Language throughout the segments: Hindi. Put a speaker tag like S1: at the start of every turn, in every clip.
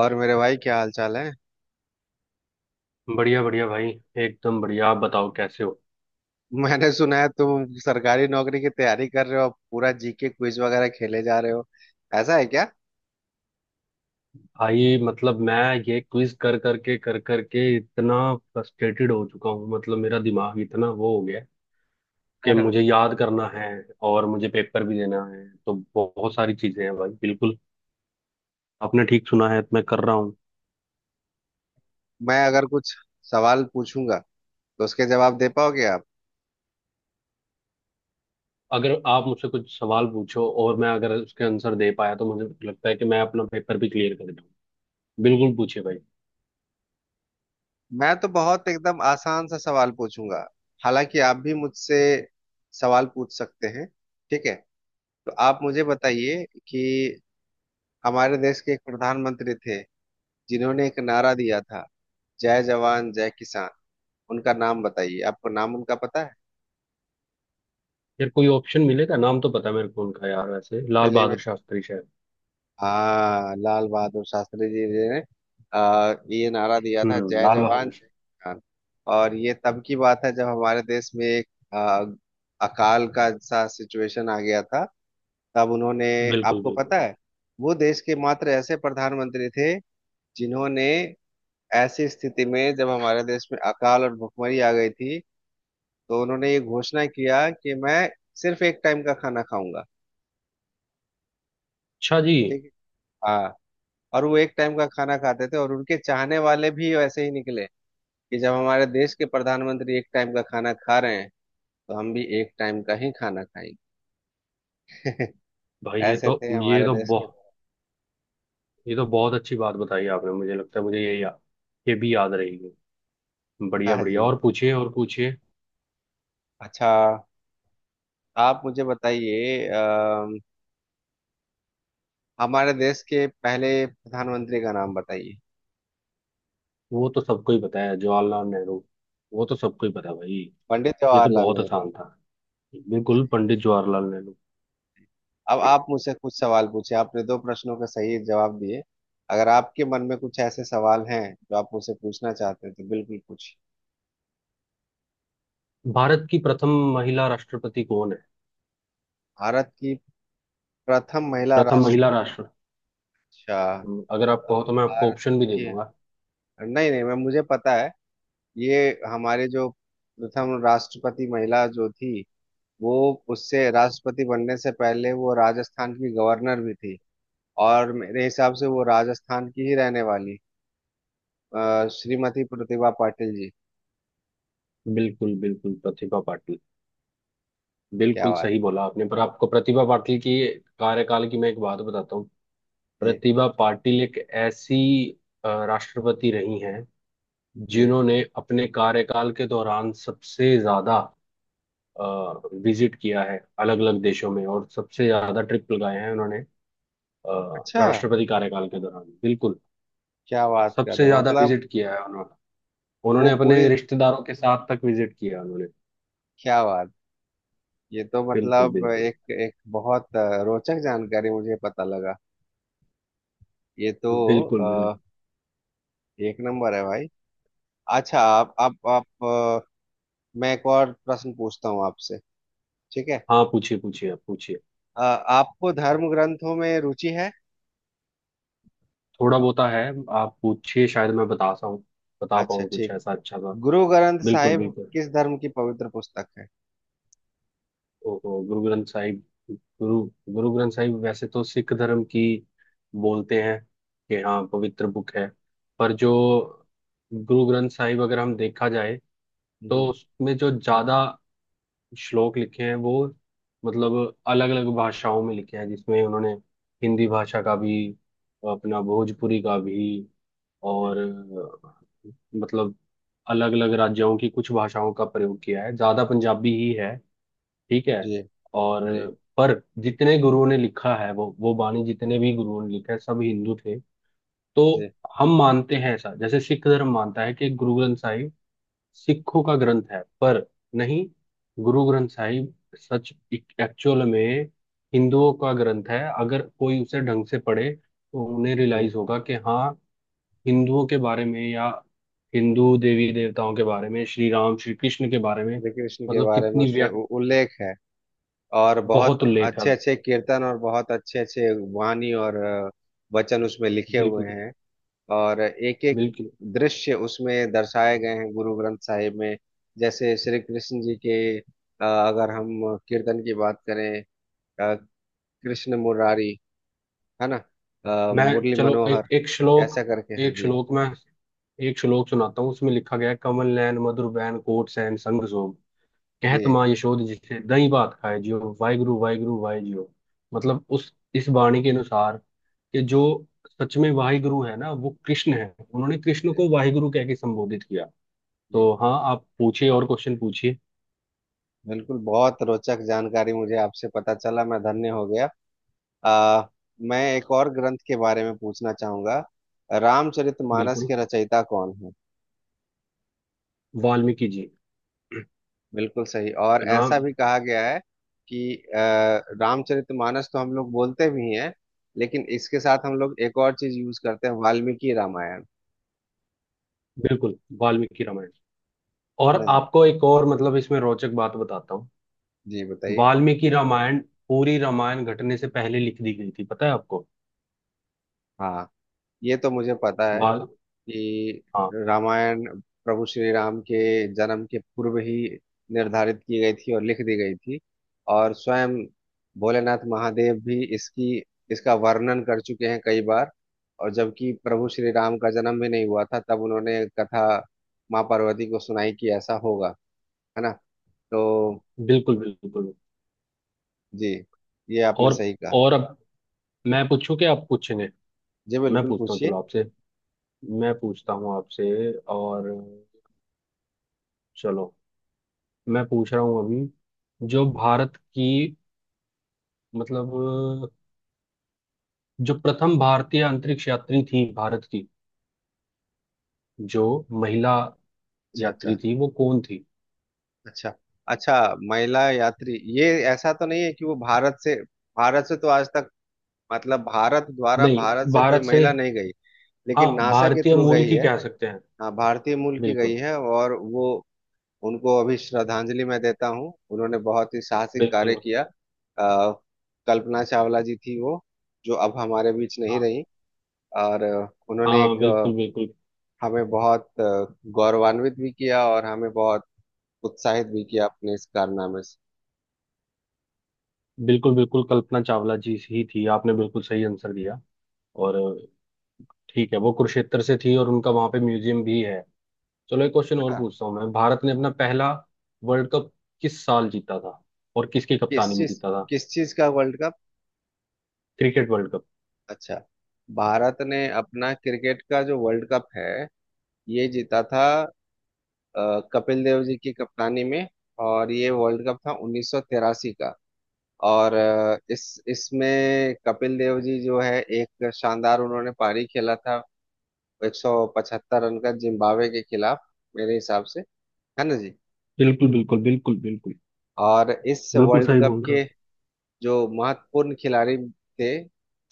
S1: और मेरे भाई क्या हाल चाल है?
S2: बढ़िया बढ़िया भाई। एकदम बढ़िया। आप बताओ, कैसे हो?
S1: मैंने सुना है तुम सरकारी नौकरी की तैयारी कर रहे हो और पूरा जीके क्विज वगैरह खेले जा रहे हो। ऐसा है क्या?
S2: भाई, मतलब, मैं ये क्विज कर करके इतना फ्रस्ट्रेटेड हो चुका हूँ। मतलब मेरा दिमाग इतना वो हो गया है कि
S1: हाँ।
S2: मुझे याद करना है और मुझे पेपर भी देना है। तो बहुत सारी चीजें हैं भाई। बिल्कुल, आपने ठीक सुना है, मैं कर रहा हूँ।
S1: मैं अगर कुछ सवाल पूछूंगा तो उसके जवाब दे पाओगे आप?
S2: अगर आप मुझसे कुछ सवाल पूछो और मैं अगर उसके आंसर दे पाया, तो मुझे लगता है कि मैं अपना पेपर भी क्लियर कर दूँ। बिल्कुल पूछे भाई।
S1: मैं तो बहुत एकदम आसान सा सवाल पूछूंगा, हालांकि आप भी मुझसे सवाल पूछ सकते हैं। ठीक है? तो आप मुझे बताइए कि हमारे देश के एक प्रधानमंत्री थे जिन्होंने एक नारा दिया था, जय जवान जय किसान। उनका नाम बताइए, आपको नाम उनका पता है?
S2: यार, कोई ऑप्शन मिलेगा? नाम तो पता है मेरे को उनका यार। वैसे लाल
S1: चलिए।
S2: बहादुर शास्त्री, शायद।
S1: हाँ, लाल बहादुर शास्त्री जी ने ये नारा दिया था,
S2: हम्म,
S1: जय
S2: लाल
S1: जवान
S2: बहादुर।
S1: जय किसान। और ये तब की बात है जब हमारे देश में एक आ, अकाल का सा सिचुएशन आ गया था। तब उन्होंने,
S2: बिल्कुल
S1: आपको
S2: बिल्कुल।
S1: पता है, वो देश के मात्र ऐसे प्रधानमंत्री थे जिन्होंने ऐसी स्थिति में, जब हमारे देश में अकाल और भुखमरी आ गई थी, तो उन्होंने ये घोषणा किया कि मैं सिर्फ एक टाइम का खाना खाऊंगा।
S2: अच्छा जी।
S1: ठीक है? हाँ। और वो एक टाइम का खाना खाते थे, और उनके चाहने वाले भी वैसे ही निकले कि जब हमारे देश के प्रधानमंत्री एक टाइम का खाना खा रहे हैं तो हम भी एक टाइम का ही खाना खाएंगे।
S2: भाई ये
S1: ऐसे
S2: तो
S1: थे
S2: ये
S1: हमारे
S2: तो
S1: देश के।
S2: बहुत ये तो बहुत अच्छी बात बताई आपने। मुझे लगता है मुझे ये, ये भी याद रहेगी। बढ़िया
S1: हाँ
S2: बढ़िया,
S1: जी।
S2: और पूछिए, और पूछिए।
S1: अच्छा, आप मुझे बताइए, हमारे देश के पहले प्रधानमंत्री का नाम बताइए।
S2: वो तो सबको ही पता है, जवाहरलाल नेहरू। वो तो सबको ही पता है भाई।
S1: पंडित
S2: ये तो
S1: जवाहरलाल
S2: बहुत
S1: नेहरू।
S2: आसान था। बिल्कुल, पंडित जवाहरलाल नेहरू।
S1: अब आप मुझसे कुछ सवाल पूछे, आपने दो प्रश्नों के सही जवाब दिए। अगर आपके मन में कुछ ऐसे सवाल हैं जो आप मुझसे पूछना चाहते हैं तो बिल्कुल पूछिए।
S2: भारत की प्रथम महिला राष्ट्रपति कौन है?
S1: भारत की प्रथम महिला
S2: प्रथम महिला
S1: राष्ट्रपति।
S2: राष्ट्र
S1: अच्छा।
S2: अगर आप
S1: तो
S2: कहो तो मैं आपको
S1: भारत
S2: ऑप्शन भी दे
S1: की,
S2: दूंगा।
S1: नहीं नहीं, मैं मुझे पता है ये। हमारे जो प्रथम राष्ट्रपति महिला जो थी, वो, उससे राष्ट्रपति बनने से पहले वो राजस्थान की गवर्नर भी थी, और मेरे हिसाब से वो राजस्थान की ही रहने वाली, श्रीमती प्रतिभा पाटिल जी।
S2: बिल्कुल बिल्कुल, प्रतिभा पाटिल।
S1: क्या
S2: बिल्कुल
S1: बात।
S2: सही बोला आपने। पर आपको प्रतिभा पाटिल की कार्यकाल की मैं एक बात बताता हूँ।
S1: जी।
S2: प्रतिभा पाटिल एक ऐसी राष्ट्रपति रही हैं,
S1: जी।
S2: जिन्होंने अपने कार्यकाल के दौरान सबसे ज्यादा विजिट किया है अलग अलग देशों में, और सबसे ज्यादा ट्रिप लगाए हैं उन्होंने
S1: अच्छा,
S2: राष्ट्रपति कार्यकाल के दौरान। बिल्कुल।
S1: क्या बात कर
S2: सबसे
S1: रहे हो?
S2: ज्यादा
S1: मतलब,
S2: विजिट किया है उन्होंने
S1: वो
S2: उन्होंने
S1: पूरी,
S2: अपने रिश्तेदारों के साथ तक विजिट किया, उन्होंने।
S1: क्या बात, ये तो
S2: बिल्कुल
S1: मतलब
S2: बिल्कुल
S1: एक एक बहुत रोचक जानकारी मुझे पता लगा। ये तो
S2: बिल्कुल बिल्कुल।
S1: एक नंबर है भाई। अच्छा, आप, मैं एक और प्रश्न पूछता हूँ आपसे। ठीक है?
S2: हाँ पूछिए पूछिए, आप पूछिए।
S1: अ, आपको धर्म ग्रंथों में रुचि है?
S2: थोड़ा बहुत है, आप पूछिए। शायद मैं बता
S1: अच्छा,
S2: पाऊँ कुछ
S1: ठीक।
S2: ऐसा अच्छा सा।
S1: गुरु ग्रंथ
S2: बिल्कुल
S1: साहिब
S2: बिल्कुल।
S1: किस धर्म की पवित्र पुस्तक है?
S2: ओहो, गुरु ग्रंथ साहिब। गुरु गुरु ग्रंथ साहिब वैसे तो सिख धर्म की, बोलते हैं कि हाँ, पवित्र बुक है। पर जो गुरु ग्रंथ साहिब, अगर हम देखा जाए, तो
S1: हम्म।
S2: उसमें जो ज्यादा श्लोक लिखे हैं वो, मतलब, अलग अलग भाषाओं में लिखे हैं, जिसमें उन्होंने हिंदी भाषा का भी, अपना भोजपुरी का भी,
S1: जी।
S2: और, मतलब, अलग अलग राज्यों की कुछ भाषाओं का प्रयोग किया है, ज्यादा पंजाबी ही है। ठीक है।
S1: जी।
S2: और
S1: जी।
S2: पर जितने गुरुओं ने लिखा है, वो बाणी, जितने भी गुरुओं ने लिखा है, सब हिंदू थे। तो
S1: जी।
S2: हम मानते हैं ऐसा, जैसे सिख धर्म मानता है कि गुरु ग्रंथ साहिब सिखों का ग्रंथ है, पर नहीं। गुरु ग्रंथ साहिब सच एक्चुअल में हिंदुओं का ग्रंथ है। अगर कोई उसे ढंग से पढ़े तो उन्हें
S1: जी।
S2: रियलाइज होगा कि हाँ, हिंदुओं के बारे में, या हिंदू देवी देवताओं के बारे में, श्री राम, श्री कृष्ण के बारे में
S1: श्री कृष्ण के
S2: मतलब
S1: बारे में
S2: कितनी
S1: उसमें
S2: व्यक्त
S1: उल्लेख है, और बहुत
S2: बहुत उल्लेख है।
S1: अच्छे अच्छे कीर्तन और बहुत अच्छे अच्छे वाणी और वचन उसमें लिखे हुए
S2: बिल्कुल
S1: हैं। और एक एक
S2: बिल्कुल।
S1: दृश्य उसमें दर्शाए गए हैं गुरु ग्रंथ साहिब में। जैसे श्री कृष्ण जी के, अगर हम कीर्तन की बात करें, अ, कृष्ण मुरारी, है ना,
S2: मैं
S1: मुरली
S2: चलो एक
S1: मनोहर, ऐसा करके है
S2: एक
S1: जी।
S2: श्लोक मैं एक श्लोक सुनाता हूँ। उसमें लिखा गया है, कमल नयन मधुर बैन कोट सैन संग सोम, कहत
S1: जी।
S2: माँ यशोद जिसे दही भात खाए जियो, वाहिगुरु वाहिगुरु वाहे जियो। मतलब उस इस वाणी के अनुसार, कि जो सच में वाहिगुरु है ना, वो कृष्ण है। उन्होंने कृष्ण को वाहिगुरु कह के संबोधित किया।
S1: जी।
S2: तो हाँ, आप पूछिए और क्वेश्चन पूछिए।
S1: बिल्कुल, बहुत रोचक जानकारी मुझे आपसे पता चला, मैं धन्य हो गया। आ, मैं एक और ग्रंथ के बारे में पूछना चाहूंगा। रामचरितमानस
S2: बिल्कुल,
S1: के रचयिता कौन है?
S2: वाल्मीकि जी।
S1: बिल्कुल सही। और ऐसा
S2: राम
S1: भी कहा गया है कि रामचरितमानस तो हम लोग बोलते भी हैं, लेकिन इसके साथ हम लोग एक और चीज यूज करते हैं, वाल्मीकि रामायण।
S2: बिल्कुल, वाल्मीकि रामायण।
S1: है
S2: और
S1: ना जी।
S2: आपको एक और, मतलब, इसमें रोचक बात बताता हूँ।
S1: जी बताइए।
S2: वाल्मीकि रामायण, पूरी रामायण घटने से पहले लिख दी गई थी, पता है आपको?
S1: हाँ, ये तो मुझे पता है
S2: वाल
S1: कि
S2: हाँ,
S1: रामायण प्रभु श्री राम के जन्म के पूर्व ही निर्धारित की गई थी और लिख दी गई थी। और स्वयं भोलेनाथ महादेव भी इसकी इसका वर्णन कर चुके हैं कई बार। और जबकि प्रभु श्री राम का जन्म भी नहीं हुआ था तब उन्होंने कथा माँ पार्वती को सुनाई कि ऐसा होगा। है ना? तो
S2: बिल्कुल बिल्कुल।
S1: जी, ये आपने
S2: और
S1: सही कहा।
S2: और अब मैं पूछूं, क्या आप पूछेंगे?
S1: जी,
S2: मैं
S1: बिल्कुल
S2: पूछता हूँ
S1: पूछिए।
S2: चलो आपसे मैं पूछता हूँ आपसे, और, चलो, मैं पूछ रहा हूँ अभी, जो भारत की, मतलब, जो प्रथम भारतीय अंतरिक्ष यात्री थी, भारत की, जो महिला
S1: अच्छा
S2: यात्री
S1: अच्छा
S2: थी, वो कौन थी?
S1: अच्छा। अच्छा, महिला यात्री, ये, ऐसा तो नहीं है कि वो भारत से, भारत से तो आज तक, मतलब भारत द्वारा
S2: नहीं,
S1: भारत से कोई
S2: भारत से।
S1: महिला नहीं गई,
S2: हाँ,
S1: लेकिन नासा के
S2: भारतीय
S1: थ्रू
S2: मूल
S1: गई
S2: की
S1: है।
S2: कह सकते हैं।
S1: हाँ, भारतीय मूल की गई
S2: बिल्कुल
S1: है, और वो, उनको अभी श्रद्धांजलि मैं देता हूँ, उन्होंने बहुत ही साहसिक कार्य
S2: बिल्कुल।
S1: किया। कल्पना चावला जी थी वो, जो अब हमारे बीच नहीं
S2: हाँ।
S1: रही। और उन्होंने
S2: हाँ,
S1: एक
S2: बिल्कुल बिल्कुल।
S1: हमें बहुत गौरवान्वित भी किया, और हमें बहुत उत्साहित भी किया अपने इस कारनामे से।
S2: बिल्कुल बिल्कुल, कल्पना चावला जी ही थी। आपने बिल्कुल सही आंसर दिया। और ठीक है, वो कुरुक्षेत्र से थी, और उनका वहां पे म्यूजियम भी है। चलो, एक क्वेश्चन और
S1: हाँ।
S2: पूछता हूँ मैं। भारत ने अपना पहला वर्ल्ड कप किस साल जीता था, और किसकी
S1: किस
S2: कप्तानी में
S1: चीज,
S2: जीता था?
S1: किस चीज का world cup?
S2: Cricket world cup.
S1: अच्छा, भारत ने अपना क्रिकेट का जो वर्ल्ड कप है ये जीता था कपिल देव जी की कप्तानी में, और ये वर्ल्ड कप था 1983 का। और इस इसमें कपिल देव जी जो है, एक शानदार उन्होंने पारी खेला था 175 रन का जिम्बाब्वे के खिलाफ, मेरे हिसाब से। है ना जी।
S2: बिल्कुल बिल्कुल बिल्कुल बिल्कुल,
S1: और इस
S2: बिल्कुल
S1: वर्ल्ड
S2: सही
S1: कप
S2: बोल रहे हो।
S1: के जो महत्वपूर्ण खिलाड़ी थे,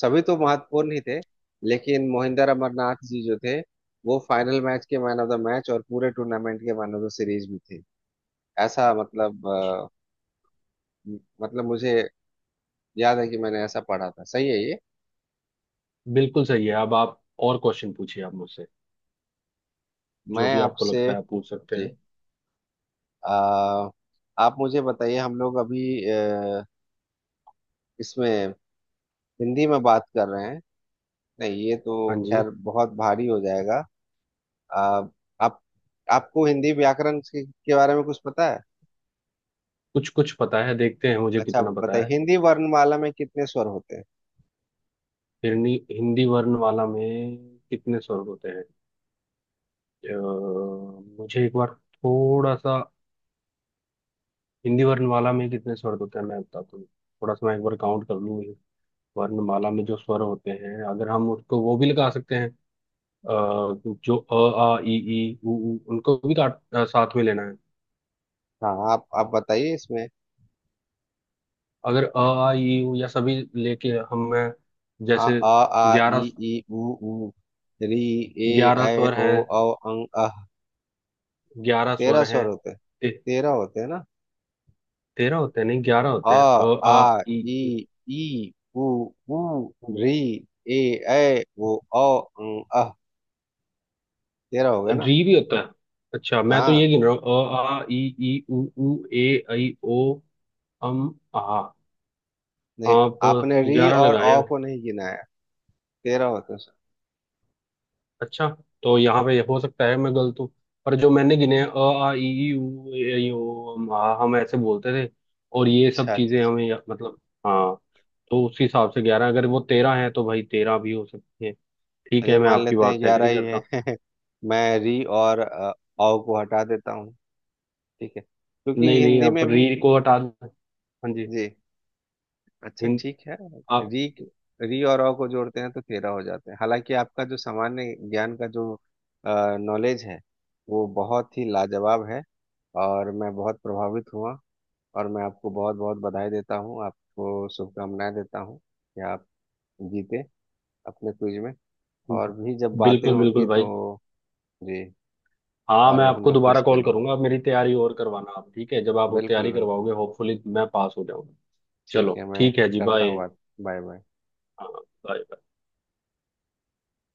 S1: सभी तो महत्वपूर्ण ही थे, लेकिन मोहिंदर अमरनाथ जी जो थे, वो फाइनल मैच के मैन ऑफ द मैच और पूरे टूर्नामेंट के मैन ऑफ द सीरीज भी थे। ऐसा मतलब मतलब मुझे याद है कि मैंने ऐसा पढ़ा था, सही है ये?
S2: बिल्कुल सही है। अब आप और क्वेश्चन पूछिए आप मुझसे, जो
S1: मैं
S2: भी आपको
S1: आपसे
S2: लगता है आप पूछ सकते
S1: जी,
S2: हैं।
S1: अ, आप मुझे बताइए हम लोग अभी अ, इसमें हिंदी में बात कर रहे हैं, नहीं ये तो
S2: हाँ जी।
S1: खैर बहुत भारी हो जाएगा। अ, आप, आपको हिंदी व्याकरण के बारे में कुछ पता है?
S2: कुछ कुछ पता है, देखते हैं मुझे
S1: अच्छा,
S2: कितना
S1: आप
S2: पता
S1: बताइए
S2: है।
S1: हिंदी वर्णमाला में कितने स्वर होते हैं?
S2: हिंदी हिंदी वर्णमाला में कितने स्वर होते हैं? अ, मुझे एक बार, थोड़ा सा, हिंदी वर्णमाला में कितने स्वर होते हैं, मैं बताता हूँ। थोड़ा सा, मैं एक बार काउंट कर लूँ। वर्णमाला में जो स्वर होते हैं, अगर हम उसको, वो भी लगा सकते हैं। अ, जो अ, आ, इ, ई, उ, ऊ, उनको भी, काट, साथ में लेना है।
S1: हाँ, आप बताइए इसमें।
S2: अगर अ, आ, इ, ई, उ या सभी लेके हम,
S1: आ
S2: जैसे,
S1: आ आ ई
S2: 11।
S1: ई उ ऊ री ए
S2: 11
S1: ऐ
S2: स्वर
S1: ओ
S2: हैं।
S1: औ अं अः।
S2: 11 स्वर
S1: 13
S2: हैं।
S1: स्वर होते हैं। 13 होते हैं ना?
S2: 13 होते हैं? नहीं, 11
S1: आ
S2: होते हैं। अ, आ,
S1: आ
S2: ई,
S1: ई
S2: उ,
S1: ई उ ऊ
S2: ऊ।
S1: री ए ऐ ओ औ अं, अः। तेरह हो गए ना?
S2: री भी होता है? अच्छा, मैं तो ये
S1: हाँ।
S2: गिन रहा हूँ: अ, आ, ई, ई, उ, ऊ, ए, ऐ, ओ, अम, आ।
S1: नहीं,
S2: आप
S1: आपने री
S2: 11
S1: और
S2: लगाए
S1: औ
S2: हैं।
S1: को नहीं गिनाया। 13 होते हैं सर।
S2: अच्छा, तो यहाँ पे हो सकता है मैं गलत हूँ, पर जो मैंने गिने हैं: अ, आ, ई, ई, उ, ए, ऐ, ओ, अम, आ। हम ऐसे बोलते थे, और ये सब
S1: अच्छा अच्छा
S2: चीजें
S1: अच्छा।
S2: हमें मतलब, हाँ, तो उस हिसाब से 11। अगर वो 13 है, तो भाई 13 भी हो सकती है। ठीक है,
S1: चलिए,
S2: मैं
S1: मान
S2: आपकी
S1: लेते हैं
S2: बात से
S1: 11
S2: एग्री
S1: ही
S2: करता हूँ।
S1: है। मैं री और औ को हटा देता हूँ। ठीक है, क्योंकि
S2: नहीं नहीं,
S1: हिंदी
S2: आप
S1: में भी।
S2: री को हटा दो। हाँ जी।
S1: जी। अच्छा,
S2: हिंद
S1: ठीक है।
S2: आप
S1: री, री और अ को जोड़ते हैं तो 13 हो जाते हैं। हालांकि आपका जो सामान्य ज्ञान का जो नॉलेज है वो बहुत ही लाजवाब है, और मैं बहुत प्रभावित हुआ। और मैं आपको बहुत बहुत बधाई देता हूँ, आपको शुभकामनाएं देता हूँ कि आप जीते अपने क्विज में। और भी जब बातें
S2: बिल्कुल
S1: होंगी
S2: बिल्कुल
S1: तो
S2: भाई।
S1: जी।
S2: हाँ, मैं
S1: और हम
S2: आपको
S1: लोग क्विज
S2: दोबारा कॉल
S1: खेलूंगा।
S2: करूंगा। आप मेरी तैयारी और करवाना। आप ठीक है? जब आप वो
S1: बिल्कुल
S2: तैयारी
S1: बिल्कुल।
S2: करवाओगे, होपफुली मैं पास हो जाऊंगा।
S1: ठीक
S2: चलो,
S1: है, मैं
S2: ठीक है जी,
S1: करता
S2: बाय।
S1: हूँ बात। Bye bye.
S2: हाँ, बाय।